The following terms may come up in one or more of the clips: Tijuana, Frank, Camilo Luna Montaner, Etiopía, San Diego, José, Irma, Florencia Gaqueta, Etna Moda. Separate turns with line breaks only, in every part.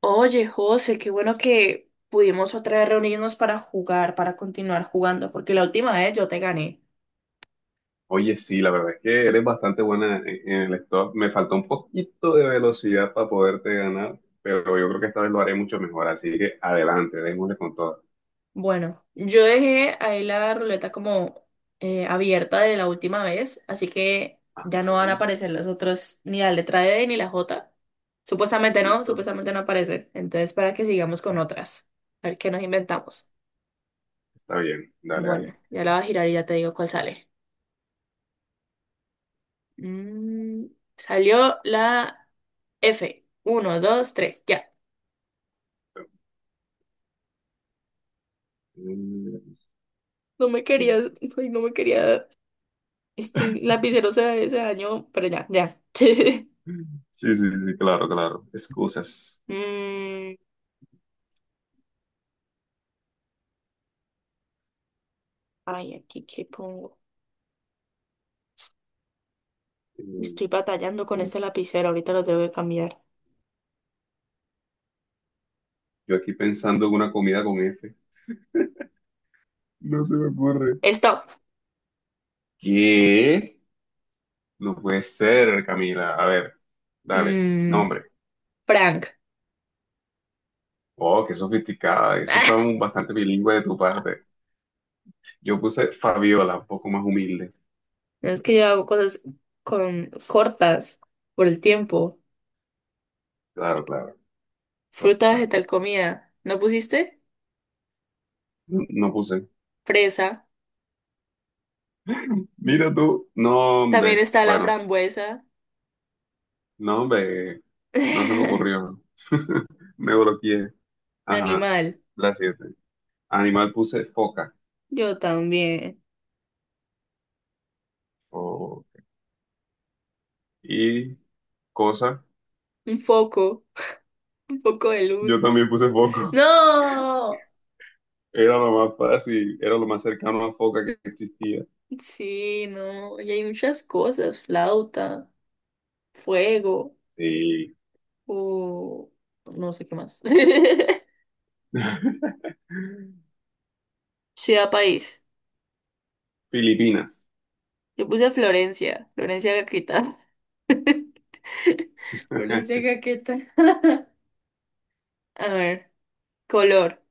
Oye, José, qué bueno que pudimos otra vez reunirnos para jugar, para continuar jugando, porque la última vez yo te gané.
Oye, sí, la verdad es que eres bastante buena en el stop. Me faltó un poquito de velocidad para poderte ganar, pero yo creo que esta vez lo haré mucho mejor. Así que adelante, démosle con todo.
Bueno, yo dejé ahí la ruleta como abierta de la última vez, así que ya no
Ajá,
van a aparecer los otros, ni la letra D ni la J.
listo,
Supuestamente no aparecen. Entonces, para que sigamos con otras. A ver qué nos inventamos.
está bien, dale,
Bueno,
dale.
ya la voy a girar y ya te digo cuál sale. Mm, salió la F. Uno, dos, tres, ya. No me quería,
Mm,
ay, no me quería, este lapicero se dañó, pero ya, ya.
sí, sí, sí, sí, claro, claro. Excusas.
Mm, ay, aquí qué pongo.
Mm,
Estoy batallando con
uh,
este lapicero, ahorita lo tengo que cambiar.
Yo aquí pensando en una comida con F. No se me ocurre.
Stop.
¿Qué? No puede ser, Camila. A ver, dale,
Mm,
nombre.
Frank.
Oh, qué sofisticada. Eso está bastante bilingüe de tu parte. Yo puse Fabiola, un poco más humilde.
Es que yo hago cosas con cortas por el tiempo.
Claro, claro.
Fruta,
Total.
vegetal, comida. ¿No pusiste?
No, no puse.
Fresa.
Mira tú. No,
También
hombre.
está la
Bueno,
frambuesa.
no, hombre. No se me ocurrió. Me bloqueé. Ajá.
Animal.
La siete. Animal puse foca.
Yo también.
Oh, y cosa.
Un foco. Un poco de
Yo
luz.
también puse foco.
No,
Era lo más fácil. Era lo más cercano a foca que existía.
sí, no, y hay muchas cosas, flauta, fuego,
Sí.
o no sé qué más. Ciudad, país.
Filipinas.
Yo puse Florencia, Florencia Gaqueta. Florencia Gaqueta. A ver, color,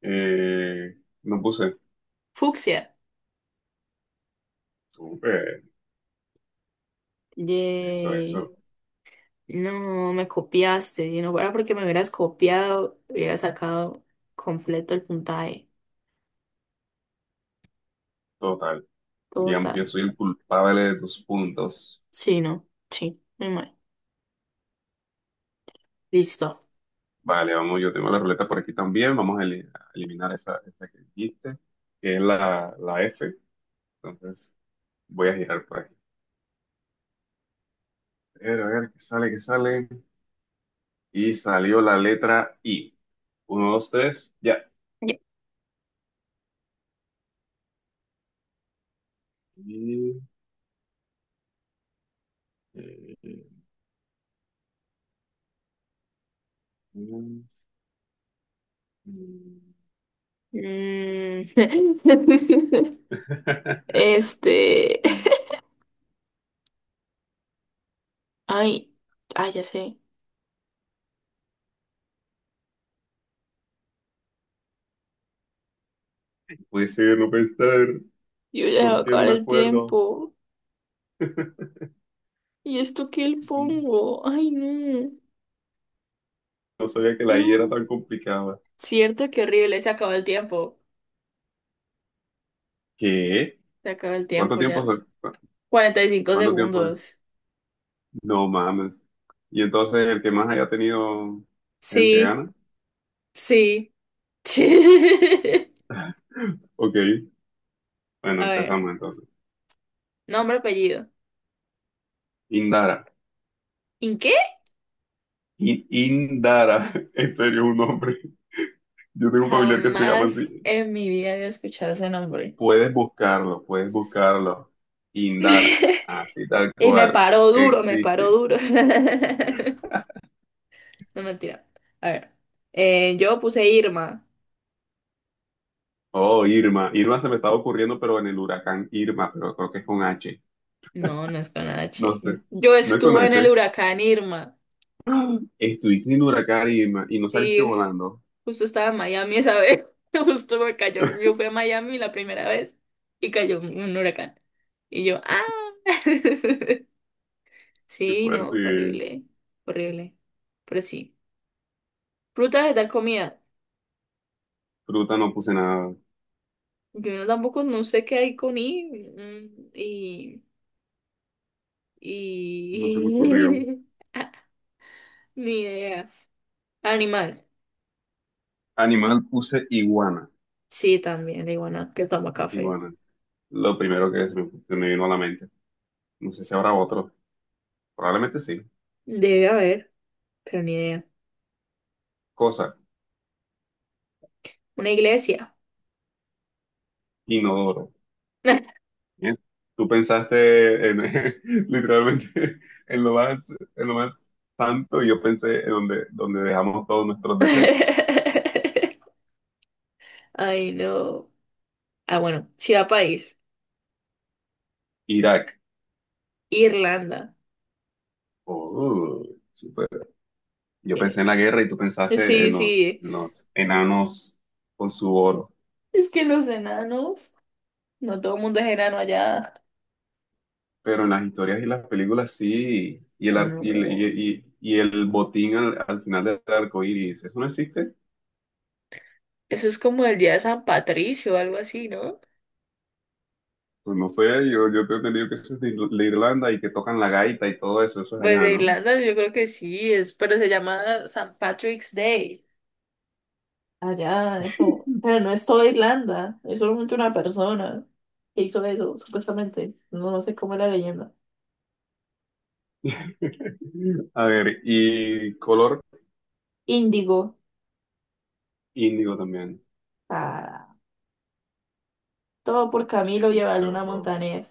Eh, no puse.
fucsia.
Súper. Eso,
Yay.
eso.
No, me copiaste. Si no fuera porque me hubieras copiado, hubiera sacado completo el puntaje.
Total. Digamos que yo
Total.
soy el culpable de tus puntos.
Sí, no, sí, muy mal. Listo.
Vale, vamos, yo tengo la ruleta por aquí también. Vamos a, a eliminar esa, esa que dijiste, que es la F. Entonces, voy a girar por aquí. A ver, qué sale, qué sale. Y salió la letra I. Uno, dos, tres, ya. Y, eh, mm, mm.
Mm. Este. Ay, ay, ya sé.
Puede ser, no pensar.
Yo ya va a
¿Por qué no
acabar
me
el
acuerdo?
tiempo. ¿Y esto qué le pongo? Ay, no.
No sabía que la I era
No.
tan complicada.
Cierto, qué horrible. Se acabó el tiempo.
¿Qué?
Se acabó el
¿Cuánto
tiempo
tiempo
ya.
soy?
45
¿Cuánto tiempo es?
segundos.
No mames. Y entonces el que más haya tenido es el que
Sí,
gana.
sí.
Ok. Bueno,
A ver.
empezamos entonces.
Nombre, apellido.
Indara.
¿En qué?
Indara. En serio, un nombre. Yo tengo un familiar que se llama
Jamás
así.
en mi vida había escuchado ese nombre.
Puedes buscarlo, puedes buscarlo. Indara. Así tal
Y me
cual.
paró duro, me paró
Existe.
duro. No mentira. A ver, yo puse Irma.
Oh, Irma. Irma se me estaba ocurriendo, pero en el huracán Irma, pero creo que es con H.
No, no es con
No
H.
sé.
Yo
No es con
estuve en
H.
el huracán Irma.
Estuviste en huracán y no saliste
Sí,
volando.
justo estaba en Miami esa vez. Justo me cayó. Yo fui a Miami la primera vez y cayó un huracán. Y yo, ah.
Qué
Sí, no, fue
fuerte.
horrible. Horrible. Pero sí. Frutas de tal comida.
Fruta no puse nada.
Yo no- Tampoco no sé qué hay con I. Y.
No se me ocurrió.
Y... Ni ideas. Animal.
Animal puse iguana.
Sí, también, la iguana que toma café.
Iguana. Lo primero que se me vino a la mente. No sé si habrá otro. Probablemente sí.
Debe haber, pero ni idea.
Cosa.
Una iglesia.
Inodoro. Bien. Tú pensaste en, literalmente en lo más, en lo más santo y yo pensé en donde, donde dejamos todos nuestros desechos.
Ay, no. Ah, bueno, ciudad, país.
Irak.
Irlanda.
Oh, yo pensé
Eh,
en la guerra y tú pensaste
sí,
en los,
sí.
en los enanos con su oro.
Es que los enanos. No todo el mundo es enano allá.
Pero en las historias y las películas sí, y el, ar-
No.
y el botín al final del arco iris, ¿eso no existe?
Eso es como el día de San Patricio o algo así, ¿no?
Pues no sé, yo te he entendido que eso es de Irlanda y que tocan la gaita y todo eso, eso es
Pues
allá,
de
¿no?
Irlanda yo creo que sí, es, pero se llama San Patrick's Day. Allá, eso. Pero no es toda Irlanda, es solamente una persona que hizo eso, supuestamente. No, no sé cómo es la leyenda.
A ver, y color
Índigo.
índigo también.
Ah, todo por Camilo Luna
Listo.
Montaner.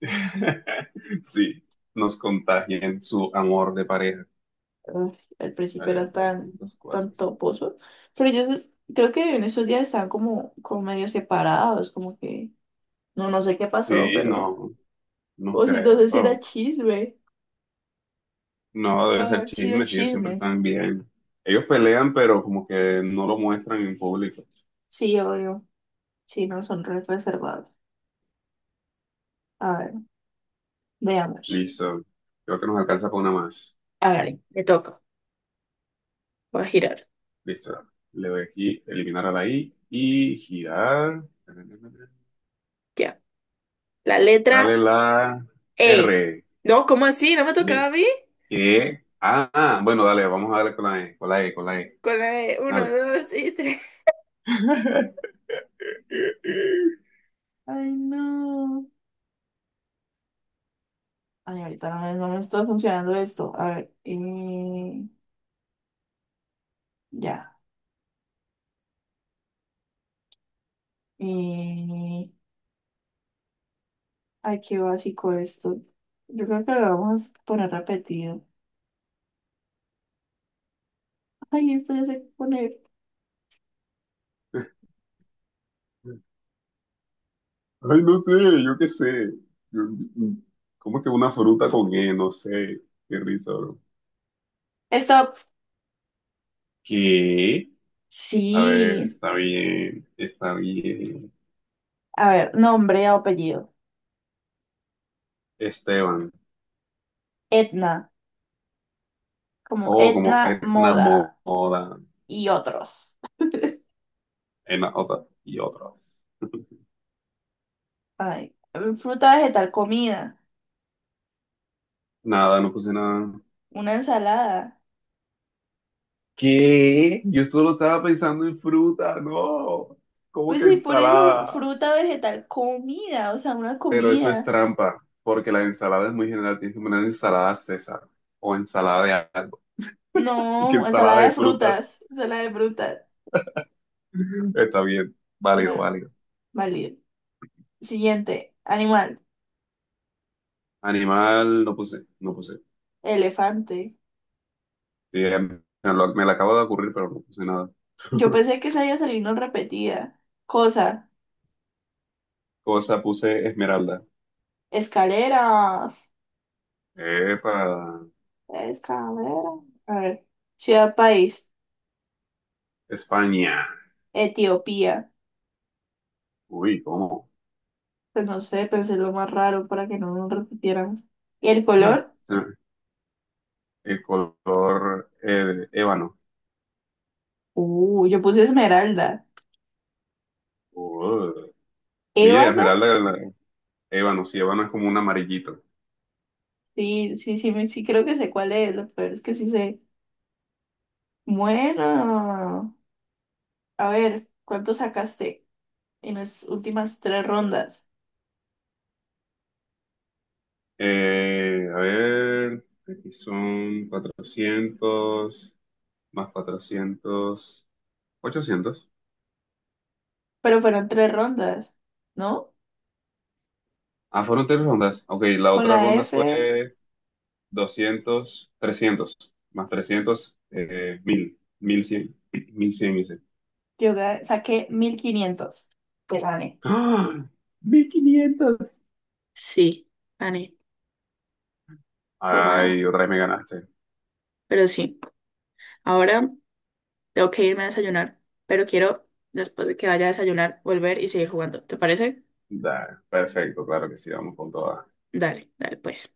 Sí, nos contagian su amor de pareja.
Uf, el
A
principio
ver,
era tan, tan
304, sí.
toposo. Pero yo creo que en esos días estaban como, como medio separados, como que no sé qué pasó,
Sí,
pero.
no. No
O si entonces era
creo.
chisme.
No, debe
Va a
ser
haber sido
chisme, sí, ellos siempre
chisme.
están bien. Ellos pelean, pero como que no lo muestran en público.
Sí, obvio. Sí, no son re reservados. A ver, veamos.
Listo. Creo que nos alcanza para una más.
A ver, me toca. Va a girar.
Listo. Le doy aquí, eliminar a la I y girar.
Ya. La letra
Sale la
E.
R.
No, ¿cómo así? ¿No me tocaba a
¿Qué?
mí?
¿Qué? Ah, ah, bueno, dale, vamos a darle con la E, con la E.
Con la E. Uno,
Dale.
dos y tres. Ay, no. Ay, ahorita no me está funcionando esto. A ver, ya. Eh, ay, qué básico esto. Yo creo que lo vamos a poner repetido. Ay, esto ya sé qué poner.
Ay, no sé, yo qué sé. Yo- ¿Cómo que una fruta con E? No sé. Qué risa, bro.
Esta,
¿Qué? A ver,
sí.
está bien, está bien.
A ver, nombre, o apellido.
Esteban.
Etna, como
Oh, como
Etna
Etna
Moda
Moda.
y otros.
Y otras.
Ay, fruta, vegetal, comida,
Nada, no puse nada.
una ensalada.
¿Qué? Yo solo estaba pensando en fruta, no. ¿Cómo
Pues
que
sí, por eso
ensalada?
fruta, vegetal, comida, o sea, una
Pero eso es
comida.
trampa, porque la ensalada es muy general. Tienes que poner ensalada César o ensalada de algo.
No,
Y que ensalada
ensalada
de
de
frutas.
frutas, ensalada de frutas.
Está bien, válido,
Bueno,
válido.
válido. Siguiente, animal,
Animal, no puse, no puse.
elefante.
Sí, em, me lo acabo de ocurrir, pero no puse nada.
Yo pensé que esa iba a salir no repetida. Cosa,
Cosa, puse esmeralda.
escalera,
Epa,
escalera. A ver, ciudad, país,
España.
Etiopía.
Uy, ¿cómo?
Pues no sé, pensé lo más raro para que no nos repitieran. ¿Y el color?
Se- El color ébano.
Yo puse esmeralda.
Uh, mira,
Ébano,
esmeralda, ébano, sí, ébano es como un amarillito.
sí, sí, sí, sí, creo que sé cuál es. Lo peor es que sí sé. Bueno, a ver, ¿cuánto sacaste en las últimas tres rondas?
A ver, aquí son 400 más 400, 800.
Pero fueron tres rondas, ¿no?
Ah, fueron tres rondas. Ok, la
Con
otra
la
ronda
F,
fue 200, 300, más 300, 1000, 1100, 1100 hice.
saqué 1500. Pues gané.
¡Ah! 1500.
Sí, Ani,
Ay,
tómala.
otra vez me ganaste.
Pero sí, ahora tengo que irme a desayunar, pero quiero, después de que vaya a desayunar, volver y seguir jugando. ¿Te parece?
Da, perfecto, claro que sí, vamos con todas.
Dale, dale, pues.